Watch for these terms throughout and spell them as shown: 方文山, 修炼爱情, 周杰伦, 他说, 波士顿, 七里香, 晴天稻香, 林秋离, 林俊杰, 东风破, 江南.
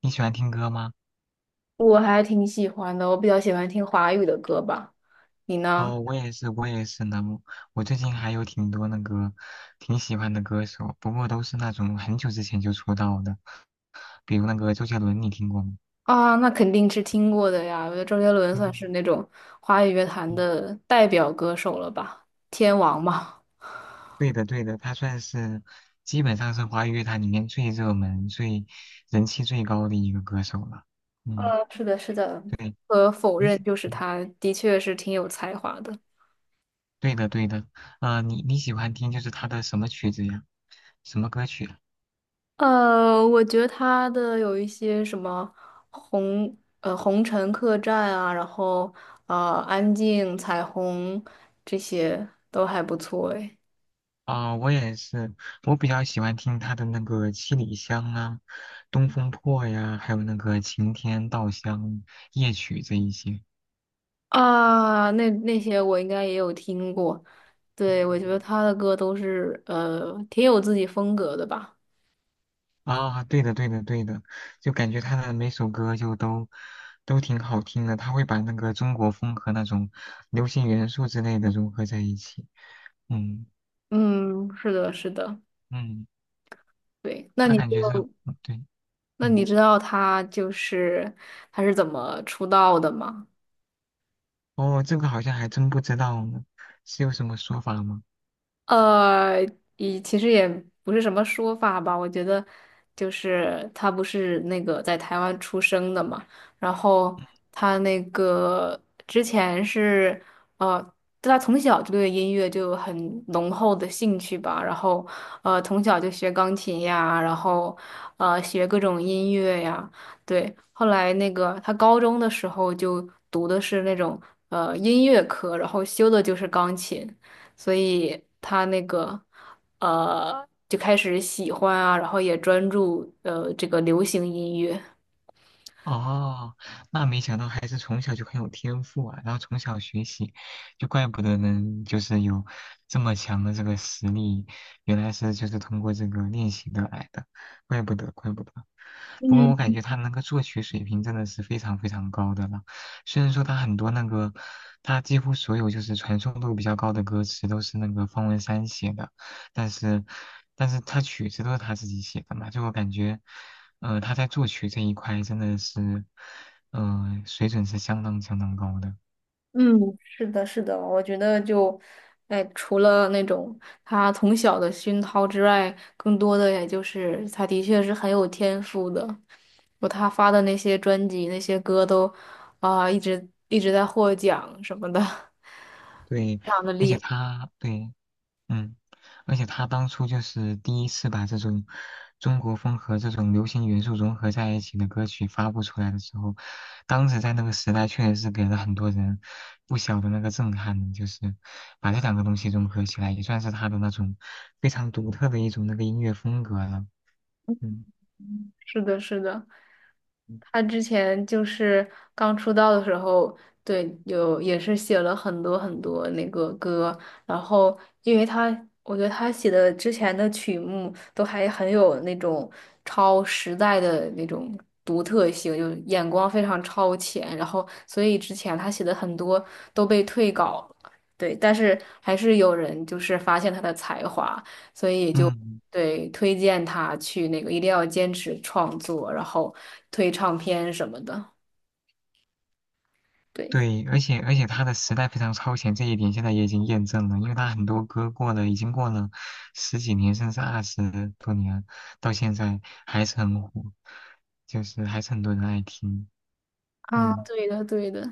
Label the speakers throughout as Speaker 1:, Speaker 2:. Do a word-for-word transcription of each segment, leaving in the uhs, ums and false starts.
Speaker 1: 你喜欢听歌吗？
Speaker 2: 我还挺喜欢的，我比较喜欢听华语的歌吧。你呢？
Speaker 1: 哦，我也是，我也是呢。我最近还有挺多那个挺喜欢的歌手，不过都是那种很久之前就出道的，比如那个周杰伦，你听过吗？
Speaker 2: 啊，那肯定是听过的呀。我觉得周杰伦算是
Speaker 1: 嗯
Speaker 2: 那种华语乐坛
Speaker 1: 嗯，
Speaker 2: 的代表歌手了吧，天王嘛。
Speaker 1: 对的对的，他算是基本上是华语乐坛里面最热门、最人气最高的一个歌手了。嗯，
Speaker 2: 呃，是的，是的。
Speaker 1: 对，
Speaker 2: 不可否
Speaker 1: 你
Speaker 2: 认，
Speaker 1: 喜，
Speaker 2: 就是
Speaker 1: 嗯
Speaker 2: 他的确是挺有才华的。
Speaker 1: 对的对的，啊，你你喜欢听就是他的什么曲子呀？什么歌曲啊。
Speaker 2: 呃，我觉得他的有一些什么红呃红尘客栈啊，然后呃安静彩虹，这些都还不错诶。
Speaker 1: 啊，我也是，我比较喜欢听他的那个《七里香》啊，《东风破》呀，还有那个《晴天稻香》夜曲这一些。
Speaker 2: 啊，那那些我应该也有听过，对，我觉
Speaker 1: 嗯
Speaker 2: 得他的歌都是呃挺有自己风格的吧。
Speaker 1: 啊，对的，对的，对的，就感觉他的每首歌就都都挺好听的，他会把那个中国风和那种流行元素之类的融合在一起。嗯
Speaker 2: 嗯，是的，是的，
Speaker 1: 嗯，
Speaker 2: 对。那
Speaker 1: 他
Speaker 2: 你
Speaker 1: 感
Speaker 2: 就
Speaker 1: 觉是，嗯对。
Speaker 2: 那你
Speaker 1: 嗯，
Speaker 2: 知道他就是他是怎么出道的吗？
Speaker 1: 哦，这个好像还真不知道呢，是有什么说法吗？
Speaker 2: 呃，也其实也不是什么说法吧，我觉得就是他不是那个在台湾出生的嘛，然后他那个之前是，呃，他从小就对音乐就很浓厚的兴趣吧，然后呃从小就学钢琴呀，然后呃学各种音乐呀。对，后来那个他高中的时候就读的是那种呃音乐科，然后修的就是钢琴。所以他那个呃就开始喜欢啊，然后也专注呃这个流行音乐。
Speaker 1: 哦，那没想到孩子从小就很有天赋啊，然后从小学习，就怪不得能就是有这么强的这个实力，原来是就是通过这个练习得来的，怪不得怪不得。不过我感觉他那个作曲水平真的是非常非常高的了，虽然说他很多那个，他几乎所有就是传颂度比较高的歌词都是那个方文山写的。但是，但是他曲子都是他自己写的嘛，就我感觉，呃，他在作曲这一块真的是，呃，水准是相当相当高的。
Speaker 2: 嗯，是的，是的，我觉得就，哎，除了那种他从小的熏陶之外，更多的也就是他的确是很有天赋的。我他发的那些专辑、那些歌都啊、一直一直在获奖什么的，
Speaker 1: 对，
Speaker 2: 非常的
Speaker 1: 而
Speaker 2: 厉
Speaker 1: 且
Speaker 2: 害。
Speaker 1: 他对嗯，而且他当初就是第一次把这种中国风和这种流行元素融合在一起的歌曲发布出来的时候，当时在那个时代确实是给了很多人不小的那个震撼，就是把这两个东西融合起来，也算是他的那种非常独特的一种那个音乐风格了。嗯
Speaker 2: 是的，是的。
Speaker 1: 嗯
Speaker 2: 他之前就是刚出道的时候，对，有也是写了很多很多那个歌。然后因为他，我觉得他写的之前的曲目都还很有那种超时代的那种独特性，就眼光非常超前，然后所以之前他写的很多都被退稿了。对，但是还是有人就是发现他的才华，所以就。
Speaker 1: 嗯，
Speaker 2: 对，推荐他去那个，一定要坚持创作，然后推唱片什么的。对，
Speaker 1: 对，而且而且他的时代非常超前，这一点现在也已经验证了，因为他很多歌过了，已经过了十几年，甚至二十多年，到现在还是很火，就是还是很多人爱听。
Speaker 2: 啊，
Speaker 1: 嗯
Speaker 2: 对的，对的。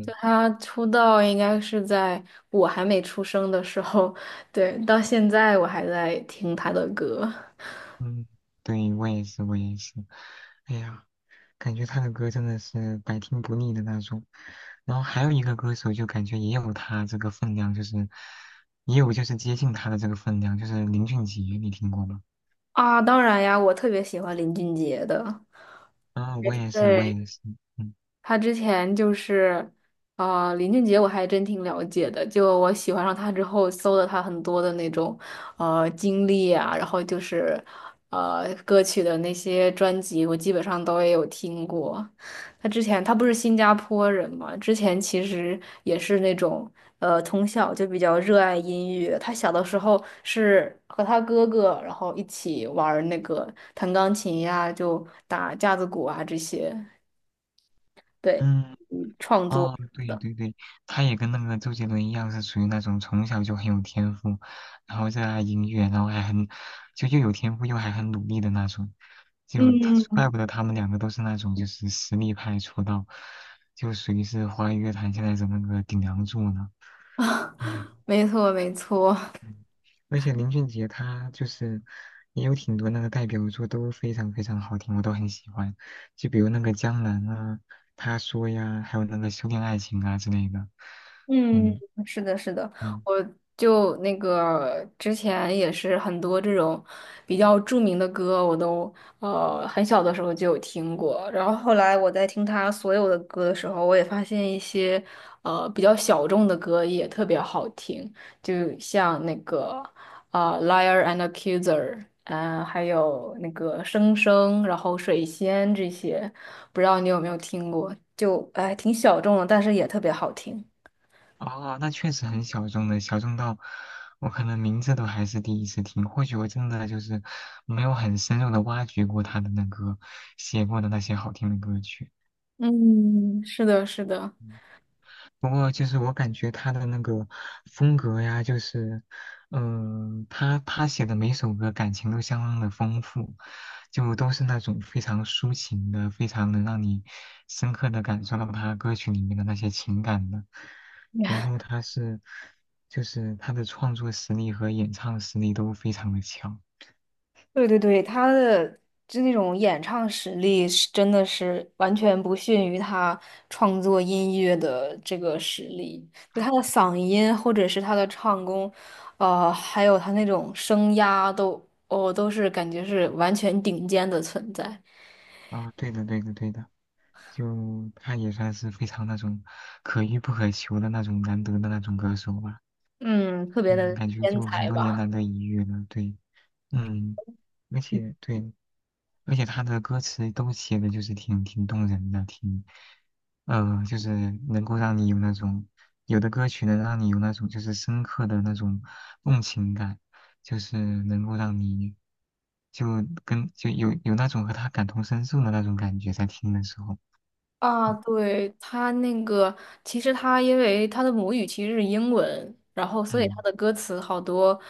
Speaker 2: 就他出道应该是在我还没出生的时候，对，到现在我还在听他的歌。
Speaker 1: 嗯，对，我也是，我也是。哎呀，感觉他的歌真的是百听不腻的那种。然后还有一个歌手，就感觉也有他这个分量，就是也有就是接近他的这个分量，就是林俊杰，你听过吗？
Speaker 2: 啊，当然呀，我特别喜欢林俊杰的。
Speaker 1: 啊，我也是，我
Speaker 2: 对，
Speaker 1: 也是。嗯。
Speaker 2: 他之前就是，呃，林俊杰我还真挺了解的。就我喜欢上他之后，搜了他很多的那种，呃，经历啊，然后就是，呃，歌曲的那些专辑，我基本上都也有听过。他之前他不是新加坡人嘛，之前其实也是那种，呃，从小就比较热爱音乐。他小的时候是和他哥哥，然后一起玩儿那个弹钢琴呀，就打架子鼓啊这些。对，
Speaker 1: 嗯，
Speaker 2: 嗯，创作
Speaker 1: 哦，
Speaker 2: 什么
Speaker 1: 对
Speaker 2: 的。
Speaker 1: 对对，他也跟那个周杰伦一样，是属于那种从小就很有天赋，然后热爱音乐，然后还很就又有天赋又还很努力的那种，就他
Speaker 2: 嗯，
Speaker 1: 怪不得他们两个都是那种就是实力派出道，就属于是华语乐坛现在的那个顶梁柱呢。嗯
Speaker 2: 没错没错。
Speaker 1: 嗯，而且林俊杰他就是也有挺多那个代表作都非常非常好听，我都很喜欢。就比如那个《江南》啊，《他说》呀，还有那个《修炼爱情》啊之类的。
Speaker 2: 嗯，
Speaker 1: 嗯
Speaker 2: 是的，是的，
Speaker 1: 嗯，
Speaker 2: 我就那个之前也是很多这种比较著名的歌，我都呃很小的时候就有听过。然后后来我在听他所有的歌的时候，我也发现一些呃比较小众的歌也特别好听，就像那个啊、呃 Liar and Accuser》，嗯，还有那个《生生》，然后《水仙》这些，不知道你有没有听过？就哎挺小众的，但是也特别好听。
Speaker 1: 哦，那确实很小众的，小众到我可能名字都还是第一次听。或许我真的就是没有很深入的挖掘过他的那个写过的那些好听的歌曲。
Speaker 2: 嗯，是的，是的。
Speaker 1: 不过就是我感觉他的那个风格呀，就是，嗯、他他写的每首歌感情都相当的丰富，就都是那种非常抒情的，非常能让你深刻的感受到他歌曲里面的那些情感的。然后他是，就是他的创作实力和演唱实力都非常的强。
Speaker 2: 对对对，他的就那种演唱实力是真的是完全不逊于他创作音乐的这个实力，就他的嗓音或者是他的唱功，呃，还有他那种声压都，哦，都是感觉是完全顶尖的存在，
Speaker 1: 啊，对的，对的，对的，就他也算是非常那种可遇不可求的那种难得的那种歌手吧。
Speaker 2: 嗯，特别
Speaker 1: 嗯，
Speaker 2: 的
Speaker 1: 感觉
Speaker 2: 天
Speaker 1: 就很
Speaker 2: 才
Speaker 1: 多年
Speaker 2: 吧。
Speaker 1: 难得一遇了，对，嗯，而且对，而且他的歌词都写的就是挺挺动人的，挺，呃，就是能够让你有那种，有的歌曲能让你有那种就是深刻的那种共情感，就是能够让你就跟就有有那种和他感同身受的那种感觉，在听的时候。
Speaker 2: 啊，
Speaker 1: 嗯
Speaker 2: 对，他那个，其实他因为他的母语其实是英文，然后所以他的歌词好多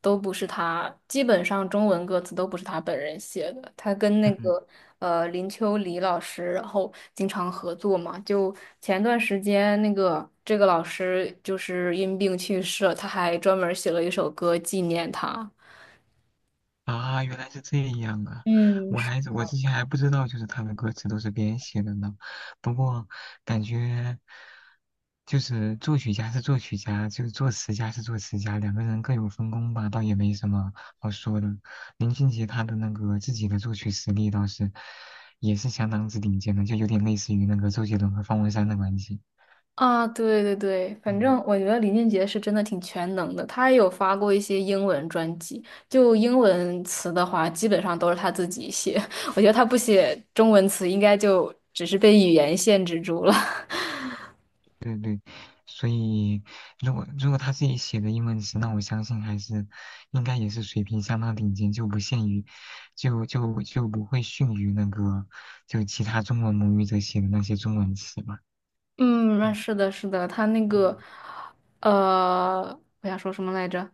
Speaker 2: 都不是他，基本上中文歌词都不是他本人写的。他跟那
Speaker 1: 嗯。
Speaker 2: 个呃林秋离老师，然后经常合作嘛。就前段时间那个这个老师就是因病去世了，他还专门儿写了一首歌纪念他。
Speaker 1: 啊，原来是这样啊！
Speaker 2: 嗯，
Speaker 1: 我还我之前还不知道，就是他的歌词都是别人写的呢。不过感觉就是作曲家是作曲家，就是作词家是作词家，两个人各有分工吧，倒也没什么好说的。林俊杰他的那个自己的作曲实力倒是也是相当之顶尖的，就有点类似于那个周杰伦和方文山的关系。
Speaker 2: 啊，对对对，反
Speaker 1: 嗯。
Speaker 2: 正我觉得林俊杰是真的挺全能的，他也有发过一些英文专辑，就英文词的话，基本上都是他自己写。我觉得他不写中文词，应该就只是被语言限制住了。
Speaker 1: 对对，所以如果如果他自己写的英文词，那我相信还是应该也是水平相当顶尖，就不限于，就就就不会逊于那个就其他中文母语者写的那些中文词吧。
Speaker 2: 嗯，那
Speaker 1: 嗯，
Speaker 2: 是的，是的，他那
Speaker 1: 嗯，
Speaker 2: 个，呃，我想说什么来着？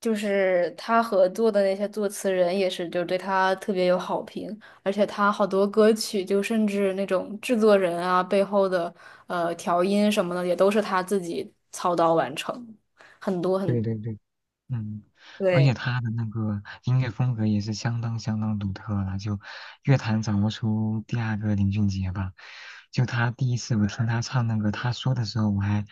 Speaker 2: 就是他合作的那些作词人也是，就对他特别有好评。而且他好多歌曲，就甚至那种制作人啊背后的呃调音什么的，也都是他自己操刀完成，很多
Speaker 1: 对
Speaker 2: 很，
Speaker 1: 对对。嗯，而
Speaker 2: 对。
Speaker 1: 且他的那个音乐风格也是相当相当独特了，就乐坛找不出第二个林俊杰吧。就他第一次我听他唱那个他说的时候，我还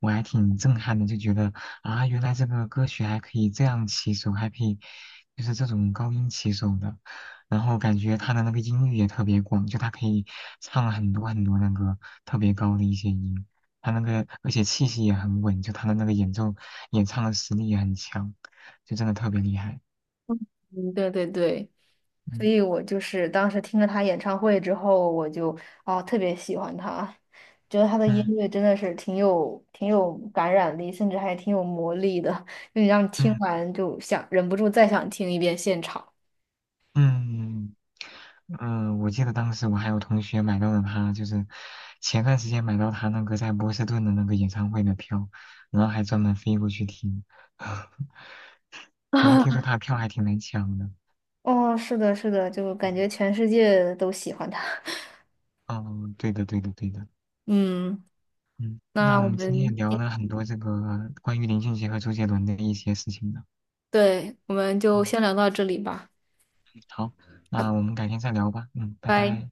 Speaker 1: 我还挺震撼的，就觉得啊，原来这个歌曲还可以这样起手，还可以就是这种高音起手的。然后感觉他的那个音域也特别广，就他可以唱很多很多那个特别高的一些音。他那个而且气息也很稳，就他的那个演奏演唱的实力也很强，就真的特别厉害。
Speaker 2: 嗯，对对对，所
Speaker 1: 嗯
Speaker 2: 以我就是当时听了他演唱会之后，我就啊特别喜欢他，觉得他的音
Speaker 1: 嗯
Speaker 2: 乐真的是挺有挺有感染力，甚至还挺有魔力的，就你让你听
Speaker 1: 嗯
Speaker 2: 完就想忍不住再想听一遍现场。
Speaker 1: 嗯嗯，我记得当时我还有同学买到了他，就是前段时间买到他那个在波士顿的那个演唱会的票，然后还专门飞过去听，好像听说
Speaker 2: 啊，
Speaker 1: 他的票还挺难抢的。
Speaker 2: 哦，是的，是的，就感
Speaker 1: 嗯，
Speaker 2: 觉全世界都喜欢他。
Speaker 1: 哦，对的对的对的。
Speaker 2: 嗯，
Speaker 1: 嗯，那
Speaker 2: 那我
Speaker 1: 我们今天也
Speaker 2: 们，
Speaker 1: 聊了很多这个关于林俊杰和周杰伦的一些事情呢。
Speaker 2: 对，我们就
Speaker 1: 嗯
Speaker 2: 先聊到这里吧，
Speaker 1: 好，那我们改天再聊吧。嗯，拜
Speaker 2: 拜。
Speaker 1: 拜。